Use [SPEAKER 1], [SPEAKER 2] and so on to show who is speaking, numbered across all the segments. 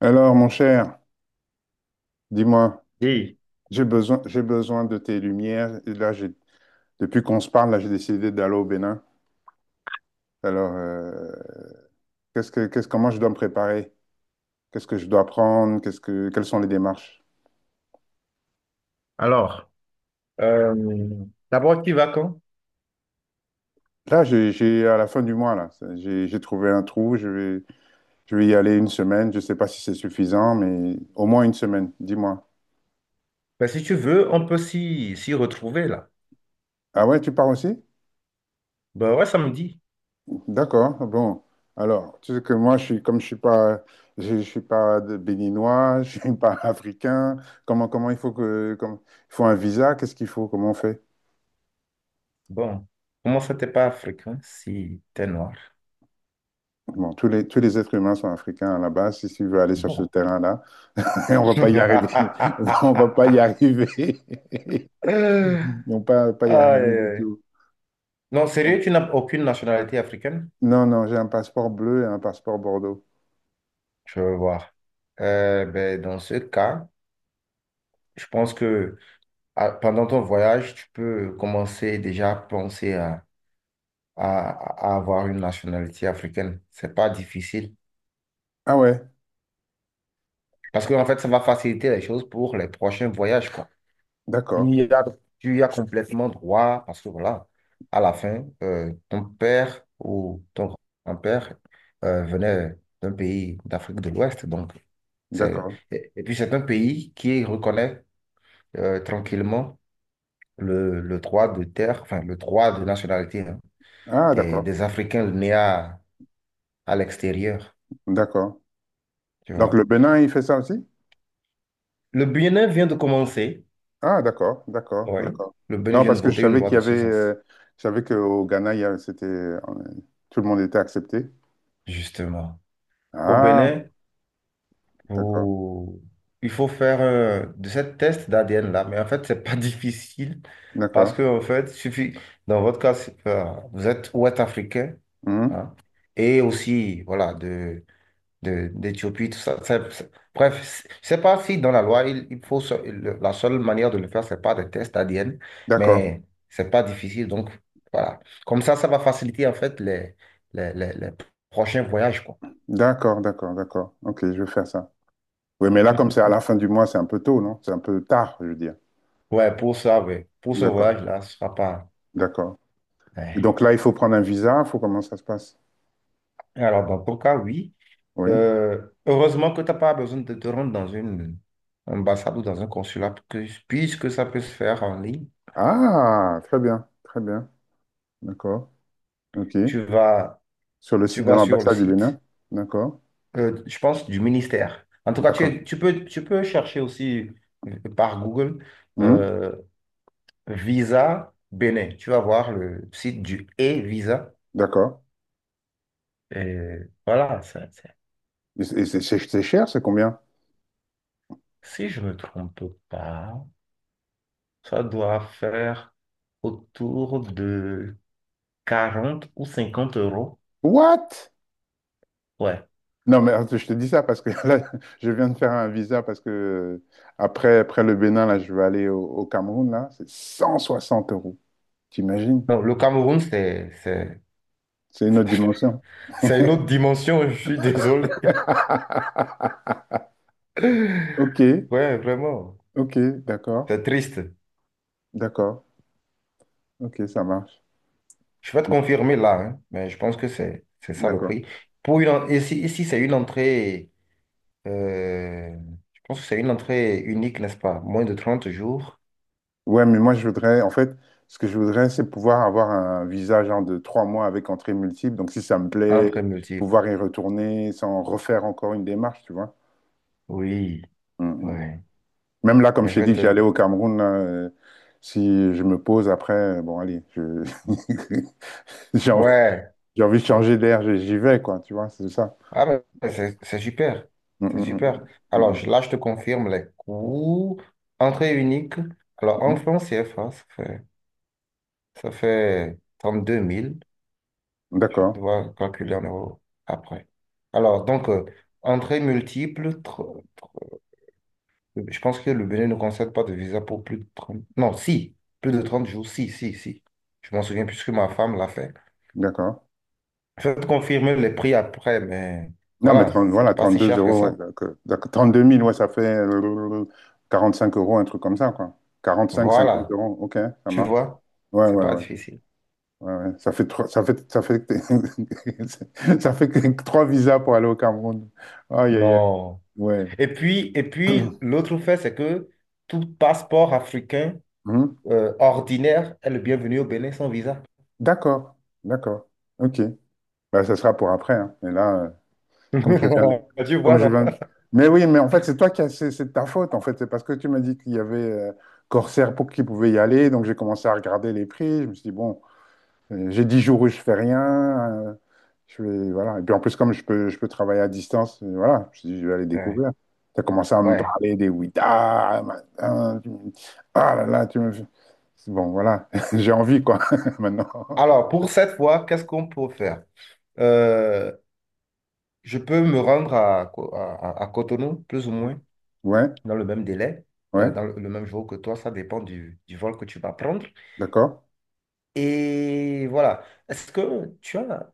[SPEAKER 1] Alors, mon cher, dis-moi,
[SPEAKER 2] Et
[SPEAKER 1] j'ai besoin de tes lumières. Et là, depuis qu'on se parle, là, j'ai décidé d'aller au Bénin. Alors, comment je dois me préparer? Qu'est-ce que je dois prendre? Quelles sont les démarches?
[SPEAKER 2] alors, euh, d'abord, tu vas quand?
[SPEAKER 1] Là, à la fin du mois, là, j'ai trouvé un trou. Je vais y aller une semaine. Je ne sais pas si c'est suffisant, mais au moins une semaine. Dis-moi.
[SPEAKER 2] Ben, si tu veux, on peut s'y retrouver là.
[SPEAKER 1] Ah ouais, tu pars aussi?
[SPEAKER 2] Ben ouais, samedi.
[SPEAKER 1] D'accord, bon. Alors, tu sais que moi, comme je suis pas, je suis pas béninois, je suis pas africain. Comment il faut un visa, qu'est-ce qu'il faut, comment on fait?
[SPEAKER 2] Bon, comment ça t'es pas africain si t'es noir?
[SPEAKER 1] Bon, tous les êtres humains sont africains à la base. Si tu veux aller sur ce
[SPEAKER 2] Bon.
[SPEAKER 1] terrain-là, on va pas y arriver. On va pas y arriver.
[SPEAKER 2] Euh,
[SPEAKER 1] Non, pas y
[SPEAKER 2] Aïe,
[SPEAKER 1] arriver du
[SPEAKER 2] aïe.
[SPEAKER 1] tout.
[SPEAKER 2] Non,
[SPEAKER 1] Bon.
[SPEAKER 2] sérieux, tu n'as aucune nationalité africaine?
[SPEAKER 1] Non, non, j'ai un passeport bleu et un passeport bordeaux.
[SPEAKER 2] Je veux voir. Ben, dans ce cas, je pense que pendant ton voyage, tu peux commencer déjà à penser à, à avoir une nationalité africaine. C'est pas difficile.
[SPEAKER 1] Ah ouais,
[SPEAKER 2] Parce que, en fait, ça va faciliter les choses pour les prochains voyages, quoi. Tu
[SPEAKER 1] d'accord,
[SPEAKER 2] y as, tu y as complètement droit, parce que voilà, à la fin, ton père ou ton grand-père venait d'un pays d'Afrique de l'Ouest. Donc, c'est,
[SPEAKER 1] d'accord.
[SPEAKER 2] et puis, c'est un pays qui reconnaît tranquillement le droit de terre, enfin, le droit de nationalité hein,
[SPEAKER 1] Ah, d'accord,
[SPEAKER 2] des Africains nés à l'extérieur,
[SPEAKER 1] d'accord.
[SPEAKER 2] tu
[SPEAKER 1] Donc
[SPEAKER 2] vois.
[SPEAKER 1] le Bénin, il fait ça aussi?
[SPEAKER 2] Le Bénin vient de commencer,
[SPEAKER 1] Ah, d'accord, d'accord,
[SPEAKER 2] oui,
[SPEAKER 1] d'accord.
[SPEAKER 2] le Bénin
[SPEAKER 1] Non,
[SPEAKER 2] vient de
[SPEAKER 1] parce que
[SPEAKER 2] voter une loi dans ce sens.
[SPEAKER 1] je savais qu'au Ghana, c'était, tout le monde était accepté.
[SPEAKER 2] Justement. Au
[SPEAKER 1] Ah,
[SPEAKER 2] Bénin,
[SPEAKER 1] d'accord,
[SPEAKER 2] vous- il faut faire de ce test d'ADN là, mais en fait, c'est pas difficile parce
[SPEAKER 1] d'accord,
[SPEAKER 2] que, en fait, suffit, dans votre cas, vous êtes ouest-africain
[SPEAKER 1] mhm,
[SPEAKER 2] hein, et aussi, voilà, d'Éthiopie, tout ça. Bref, je sais pas si dans la loi, il faut, la seule manière de le faire, c'est pas des tests d'ADN,
[SPEAKER 1] d'accord,
[SPEAKER 2] mais c'est pas difficile. Donc, voilà. Comme ça va faciliter, en fait, les prochains voyages, quoi.
[SPEAKER 1] d'accord, d'accord, d'accord. Ok, je vais faire ça. Oui, mais là, comme c'est à la fin du mois, c'est un peu tôt, non? C'est un peu tard, je veux dire.
[SPEAKER 2] Ouais, pour ça, ouais. Pour ce
[SPEAKER 1] D'accord,
[SPEAKER 2] voyage-là, ce sera pas.
[SPEAKER 1] d'accord. Et
[SPEAKER 2] Ouais.
[SPEAKER 1] donc là, il faut prendre un visa, il faut comment ça se passe?
[SPEAKER 2] Alors, dans ton cas, oui.
[SPEAKER 1] Oui.
[SPEAKER 2] Heureusement que tu n'as pas besoin de te rendre dans une ambassade ou dans un consulat, puisque ça peut se faire en ligne.
[SPEAKER 1] Ah, très bien, d'accord, ok.
[SPEAKER 2] Tu vas,
[SPEAKER 1] Sur le
[SPEAKER 2] tu
[SPEAKER 1] site de
[SPEAKER 2] vas sur le
[SPEAKER 1] l'ambassade du Bénin,
[SPEAKER 2] site,
[SPEAKER 1] d'accord,
[SPEAKER 2] je pense, du ministère. En tout cas,
[SPEAKER 1] d'accord,
[SPEAKER 2] tu peux chercher aussi par Google
[SPEAKER 1] mhm,
[SPEAKER 2] euh, Visa Bénin. Tu vas voir le site du e-Visa.
[SPEAKER 1] d'accord.
[SPEAKER 2] Et voilà,
[SPEAKER 1] Et c'est cher, c'est combien?
[SPEAKER 2] si je ne me trompe pas. Ça doit faire autour de 40 ou 50 euros.
[SPEAKER 1] What?
[SPEAKER 2] Ouais.
[SPEAKER 1] Non, mais attends, je te dis ça parce que là, je viens de faire un visa parce que après le Bénin, là, je vais aller au Cameroun, là. C'est 160 euros. T'imagines?
[SPEAKER 2] Non, le Cameroun, c'est,
[SPEAKER 1] C'est une autre dimension.
[SPEAKER 2] c'est une autre dimension, je suis désolé.
[SPEAKER 1] Ok,
[SPEAKER 2] Ouais, vraiment,
[SPEAKER 1] ok, d'accord,
[SPEAKER 2] c'est triste.
[SPEAKER 1] d'accord. Ok, ça marche.
[SPEAKER 2] Je vais te confirmer là, hein, mais je pense que c'est ça le
[SPEAKER 1] D'accord.
[SPEAKER 2] prix. Ici, ici c'est une entrée, euh, je pense que c'est une entrée unique, n'est-ce pas? Moins de 30 jours,
[SPEAKER 1] Ouais, mais moi, je voudrais, en fait, ce que je voudrais, c'est pouvoir avoir un visa genre de 3 mois avec entrée multiple. Donc, si ça me plaît,
[SPEAKER 2] entrée multiple.
[SPEAKER 1] pouvoir y retourner sans refaire encore une démarche, tu vois.
[SPEAKER 2] Oui,
[SPEAKER 1] Mm.
[SPEAKER 2] ouais.
[SPEAKER 1] Même là, comme
[SPEAKER 2] Mais
[SPEAKER 1] je
[SPEAKER 2] je
[SPEAKER 1] t'ai
[SPEAKER 2] vais
[SPEAKER 1] dit que
[SPEAKER 2] te...
[SPEAKER 1] j'allais au Cameroun, là, si je me pose après, bon, allez, j'ai envie,
[SPEAKER 2] Ouais.
[SPEAKER 1] j'ai envie de changer d'air, j'y vais, quoi, tu vois, c'est ça.
[SPEAKER 2] Ah, mais c'est super.
[SPEAKER 1] Mm,
[SPEAKER 2] C'est
[SPEAKER 1] mm,
[SPEAKER 2] super.
[SPEAKER 1] mm,
[SPEAKER 2] Alors,
[SPEAKER 1] mm,
[SPEAKER 2] là, je te confirme les coûts. Entrée unique. Alors, en
[SPEAKER 1] mm.
[SPEAKER 2] francs CFA, ça fait 32 000.
[SPEAKER 1] Mm.
[SPEAKER 2] Je
[SPEAKER 1] D'accord,
[SPEAKER 2] dois calculer en euros après. Alors, donc, entrée multiple. Je pense que le Bénin ne concède pas de visa pour plus de 30. Non, si. Plus de 30 jours. Si, si, si. Je m'en souviens puisque ma femme l'a fait.
[SPEAKER 1] d'accord.
[SPEAKER 2] Je vais te confirmer les prix après, mais
[SPEAKER 1] Non, mais
[SPEAKER 2] voilà,
[SPEAKER 1] 30,
[SPEAKER 2] c'est
[SPEAKER 1] voilà,
[SPEAKER 2] pas si
[SPEAKER 1] 32
[SPEAKER 2] cher que
[SPEAKER 1] euros, ouais,
[SPEAKER 2] ça.
[SPEAKER 1] d'accord. D'accord. 32 000, ouais, ça fait 45 euros, un truc comme ça, quoi. 45, 50
[SPEAKER 2] Voilà.
[SPEAKER 1] euros, ok, ça
[SPEAKER 2] Tu
[SPEAKER 1] marche.
[SPEAKER 2] vois?
[SPEAKER 1] Ouais,
[SPEAKER 2] C'est
[SPEAKER 1] ouais,
[SPEAKER 2] pas
[SPEAKER 1] ouais.
[SPEAKER 2] difficile.
[SPEAKER 1] Ouais, ouais. Ça fait trois, ça fait que trois visas pour aller au Cameroun. Aïe, aïe, aïe.
[SPEAKER 2] Non.
[SPEAKER 1] Ouais.
[SPEAKER 2] Et puis l'autre fait, c'est que tout passeport africain
[SPEAKER 1] Hum?
[SPEAKER 2] ordinaire est le bienvenu au Bénin sans visa.
[SPEAKER 1] D'accord, d'accord. Ok. Bah, ça sera pour après, hein. Et là, comme je viens,
[SPEAKER 2] Tu
[SPEAKER 1] comme
[SPEAKER 2] vois,
[SPEAKER 1] je
[SPEAKER 2] non?
[SPEAKER 1] viens. Mais oui, mais en fait, c'est toi qui as, c'est de ta faute. En fait, c'est parce que tu m'as dit qu'il y avait Corsair pour qui pouvait y aller. Donc j'ai commencé à regarder les prix. Je me suis dit bon, j'ai 10 jours où je fais rien. Je vais, voilà. Et puis en plus, comme je peux travailler à distance, voilà. Je me suis dit je vais aller
[SPEAKER 2] Ouais.
[SPEAKER 1] découvrir. Tu as commencé à me
[SPEAKER 2] Ouais.
[SPEAKER 1] parler des Ouïda, machin, ah là là, tu me. Bon, voilà. J'ai envie quoi maintenant.
[SPEAKER 2] Alors, pour cette fois, qu'est-ce qu'on peut faire? Euh, je peux me rendre à Cotonou, plus ou moins,
[SPEAKER 1] Ouais,
[SPEAKER 2] dans le même délai,
[SPEAKER 1] ouais.
[SPEAKER 2] dans le même jour que toi. Ça dépend du vol que tu vas prendre.
[SPEAKER 1] D'accord?
[SPEAKER 2] Et voilà. Est-ce que tu as.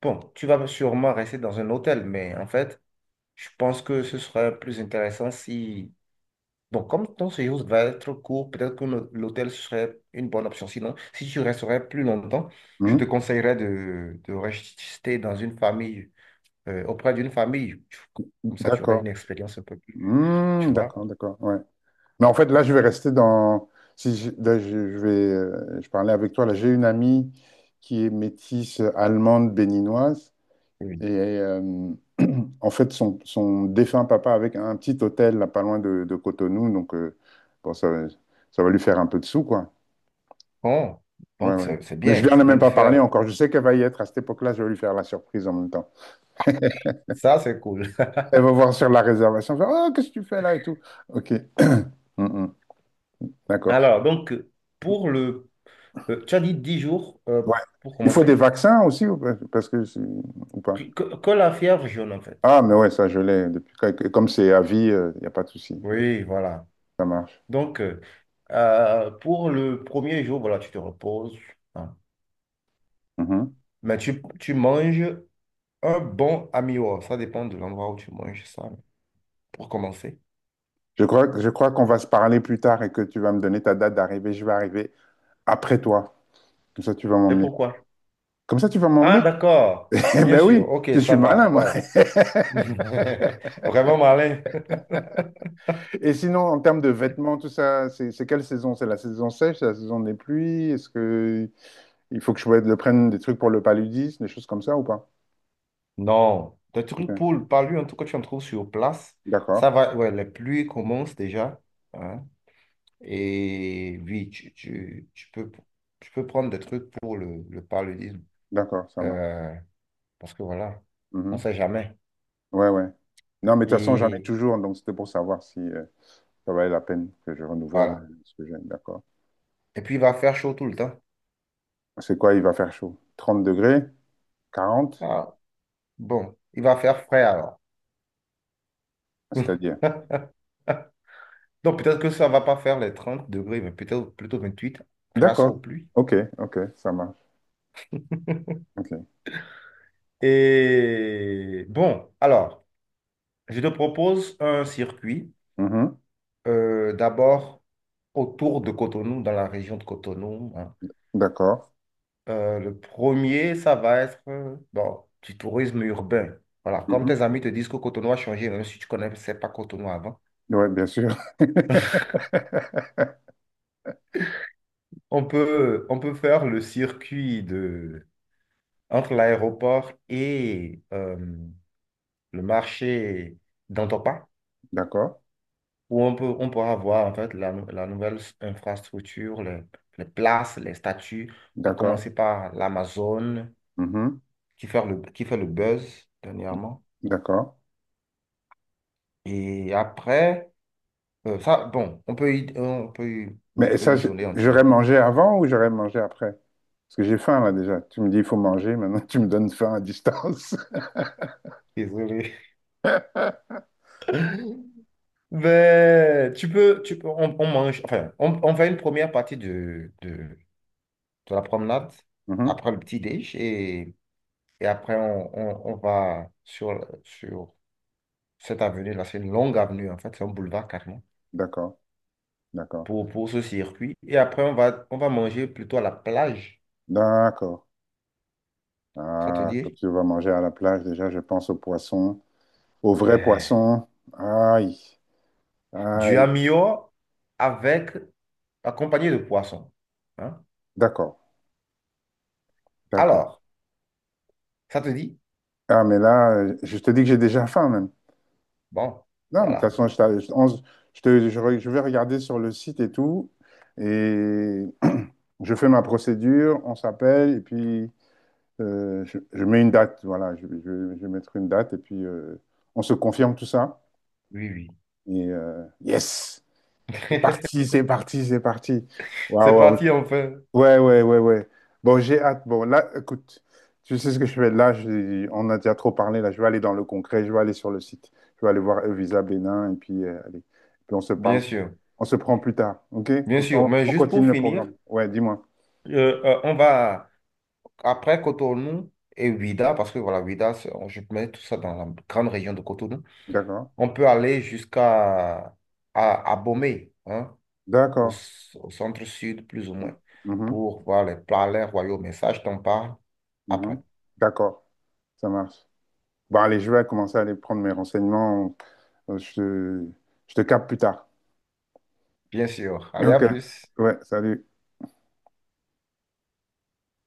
[SPEAKER 2] Bon, tu vas sûrement rester dans un hôtel, mais en fait, je pense que ce serait plus intéressant si... Bon, comme ton séjour va être court, peut-être que l'hôtel serait une bonne option. Sinon, si tu resterais plus longtemps, je te
[SPEAKER 1] Hmm,
[SPEAKER 2] conseillerais de rester dans une famille, auprès d'une famille. Tu- Comme ça, tu aurais
[SPEAKER 1] d'accord.
[SPEAKER 2] une expérience un peu plus, tu
[SPEAKER 1] Hmm,
[SPEAKER 2] vois.
[SPEAKER 1] d'accord, d'accord. Ouais. Mais en fait, là, je vais rester dans. Si je, là, je vais, je parlais avec toi. Là, j'ai une amie qui est métisse allemande béninoise.
[SPEAKER 2] Oui.
[SPEAKER 1] Et euh, en fait, son défunt papa avait un petit hôtel là, pas loin de Cotonou. Donc, bon, ça va lui faire un peu de sous, quoi.
[SPEAKER 2] Bon,
[SPEAKER 1] Ouais,
[SPEAKER 2] donc
[SPEAKER 1] ouais.
[SPEAKER 2] c'est
[SPEAKER 1] Mais je
[SPEAKER 2] bien,
[SPEAKER 1] lui en ai
[SPEAKER 2] c'est bien
[SPEAKER 1] même
[SPEAKER 2] de
[SPEAKER 1] pas parlé
[SPEAKER 2] faire.
[SPEAKER 1] encore. Je sais qu'elle va y être à cette époque-là. Je vais lui faire la surprise en même temps.
[SPEAKER 2] Ça, c'est cool.
[SPEAKER 1] Elle va voir sur la réservation. Elle va faire, oh, qu'est-ce que tu fais là et tout. OK. Hmm, hmm. D'accord.
[SPEAKER 2] Alors, donc, pour le... tu as dit 10 jours,
[SPEAKER 1] Ouais.
[SPEAKER 2] pour
[SPEAKER 1] Il faut des
[SPEAKER 2] commencer?
[SPEAKER 1] vaccins aussi, ou pas parce que ou pas.
[SPEAKER 2] Que la fièvre jaune, en fait.
[SPEAKER 1] Ah, mais ouais, ça je l'ai depuis comme c'est à vie, il n'y a pas de souci.
[SPEAKER 2] Oui, voilà.
[SPEAKER 1] Ça marche.
[SPEAKER 2] Donc, pour le premier jour, voilà, tu te reposes. Hein.
[SPEAKER 1] Mhm.
[SPEAKER 2] Mais tu manges un bon amio. Ça dépend de l'endroit où tu manges ça, pour commencer.
[SPEAKER 1] Je crois qu'on va se parler plus tard et que tu vas me donner ta date d'arrivée. Je vais arriver après toi. Comme ça, tu vas
[SPEAKER 2] Et
[SPEAKER 1] m'emmener.
[SPEAKER 2] pourquoi?
[SPEAKER 1] Comme ça, tu vas
[SPEAKER 2] Ah,
[SPEAKER 1] m'emmener?
[SPEAKER 2] d'accord.
[SPEAKER 1] Eh
[SPEAKER 2] Bien
[SPEAKER 1] ben
[SPEAKER 2] sûr.
[SPEAKER 1] oui,
[SPEAKER 2] OK,
[SPEAKER 1] je suis
[SPEAKER 2] ça
[SPEAKER 1] malin,
[SPEAKER 2] va.
[SPEAKER 1] moi.
[SPEAKER 2] Ouais. Vraiment malin.
[SPEAKER 1] Et sinon, en termes de vêtements, tout ça, c'est quelle saison? C'est la saison sèche, c'est la saison des pluies? Est-ce que il faut que je le prenne des trucs pour le paludisme, des choses comme ça ou pas?
[SPEAKER 2] Non. Le truc
[SPEAKER 1] Ok.
[SPEAKER 2] pour le palu, en tout cas, tu en trouves sur place. Ça
[SPEAKER 1] D'accord.
[SPEAKER 2] va. Ouais, les pluies commencent déjà. Hein. Et oui, tu peux prendre des trucs pour le paludisme.
[SPEAKER 1] D'accord, ça marche.
[SPEAKER 2] Euh, parce que voilà, on
[SPEAKER 1] Mhm.
[SPEAKER 2] sait jamais.
[SPEAKER 1] Ouais, ouais. Non, mais de toute façon, j'en ai
[SPEAKER 2] Et
[SPEAKER 1] toujours, donc c'était pour savoir si ça valait la peine que je renouvelle
[SPEAKER 2] voilà.
[SPEAKER 1] ce que j'ai. D'accord.
[SPEAKER 2] Et puis, il va faire chaud tout le temps.
[SPEAKER 1] C'est quoi, il va faire chaud? 30 degrés? 40.
[SPEAKER 2] Ah, bon, il va faire frais alors.
[SPEAKER 1] C'est-à-dire.
[SPEAKER 2] Donc, peut-être que ça va pas faire les 30 degrés, mais peut-être plutôt 28 grâce aux
[SPEAKER 1] D'accord.
[SPEAKER 2] pluies.
[SPEAKER 1] Ok, ok, ça marche. Ok.
[SPEAKER 2] Et bon, alors, je te propose un circuit.
[SPEAKER 1] Mhm.
[SPEAKER 2] D'abord, autour de Cotonou, dans la région de Cotonou. Hein.
[SPEAKER 1] D'accord.
[SPEAKER 2] Le premier, ça va être bon, du tourisme urbain. Voilà, comme tes
[SPEAKER 1] Mhm.
[SPEAKER 2] amis te disent que Cotonou a changé, même si tu ne connaissais pas Cotonou avant,
[SPEAKER 1] Ouais, bien sûr.
[SPEAKER 2] on peut faire le circuit entre l'aéroport et le marché d'Antopa,
[SPEAKER 1] D'accord,
[SPEAKER 2] où on pourra voir en fait la nouvelle infrastructure, les places, les statues, à
[SPEAKER 1] d'accord.
[SPEAKER 2] commencer par l'Amazone
[SPEAKER 1] Mhm.
[SPEAKER 2] qui fait qui fait le buzz dernièrement.
[SPEAKER 1] D'accord.
[SPEAKER 2] Et après. Ça, bon, on peut y
[SPEAKER 1] Mais
[SPEAKER 2] mettre
[SPEAKER 1] ça,
[SPEAKER 2] une journée
[SPEAKER 1] j'aurais
[SPEAKER 2] entière.
[SPEAKER 1] mangé avant ou j'aurais mangé après? Parce que j'ai faim là déjà. Tu me dis, il faut manger, maintenant tu me donnes faim à distance.
[SPEAKER 2] Désolé. Mais on, enfin, on fait une première partie de la promenade, après le petit déj, et après on va sur cette avenue là, c'est une longue avenue en fait, c'est un boulevard carrément,
[SPEAKER 1] D'accord, d'accord,
[SPEAKER 2] pour ce circuit. Et après on va manger plutôt à la plage,
[SPEAKER 1] d'accord.
[SPEAKER 2] ça te
[SPEAKER 1] Ah, quand
[SPEAKER 2] dit?
[SPEAKER 1] tu vas manger à la plage, déjà, je pense aux poissons, aux vrais
[SPEAKER 2] Ouais.
[SPEAKER 1] poissons. Aïe,
[SPEAKER 2] Du
[SPEAKER 1] aïe.
[SPEAKER 2] amio avec, accompagné de poissons. Hein.
[SPEAKER 1] D'accord, d'accord.
[SPEAKER 2] Alors, ça te dit?
[SPEAKER 1] Ah, mais là, je te dis que j'ai déjà faim, même.
[SPEAKER 2] Bon,
[SPEAKER 1] Non, mais de toute
[SPEAKER 2] voilà.
[SPEAKER 1] façon, je, t'a- je- on- je te, je re- je vais regarder sur le site et tout, et je fais ma procédure, on s'appelle, et puis je mets une date, voilà, je vais mettre une date, et puis on se confirme tout ça.
[SPEAKER 2] Oui, oui.
[SPEAKER 1] Et yes! C'est parti, c'est parti, c'est parti. Waouh,
[SPEAKER 2] C'est parti,
[SPEAKER 1] waouh.
[SPEAKER 2] on fait.
[SPEAKER 1] Ouais, ouais, ouais, ouais. Bon, j'ai hâte. Bon, là, écoute, tu sais ce que je fais. Là, on a déjà trop parlé. Là, je vais aller dans le concret. Je vais aller sur le site. Je vais aller voir Evisa Bénin. Et puis, allez. Puis on se parle.
[SPEAKER 2] Bien sûr.
[SPEAKER 1] On se prend plus tard. OK?
[SPEAKER 2] Bien
[SPEAKER 1] Comme ça, on,
[SPEAKER 2] sûr. Mais
[SPEAKER 1] on
[SPEAKER 2] juste pour
[SPEAKER 1] continue le programme.
[SPEAKER 2] finir,
[SPEAKER 1] Ouais, dis-moi.
[SPEAKER 2] on va après Cotonou et Ouida, parce que voilà, Ouida, je mets tout ça dans la grande région de Cotonou.
[SPEAKER 1] D'accord.
[SPEAKER 2] On peut aller jusqu'à à Bomé, hein,
[SPEAKER 1] D'accord.
[SPEAKER 2] au centre-sud, plus ou moins,
[SPEAKER 1] Mhm,
[SPEAKER 2] pour voir les palais royaux. Mais ça, je t'en parle après.
[SPEAKER 1] mhm. D'accord. Ça marche. Bon, allez, je vais commencer à aller prendre mes renseignements. Euh, Je te, je te capte plus tard.
[SPEAKER 2] Bien sûr. Allez, à
[SPEAKER 1] OK.
[SPEAKER 2] plus.
[SPEAKER 1] Ouais, salut.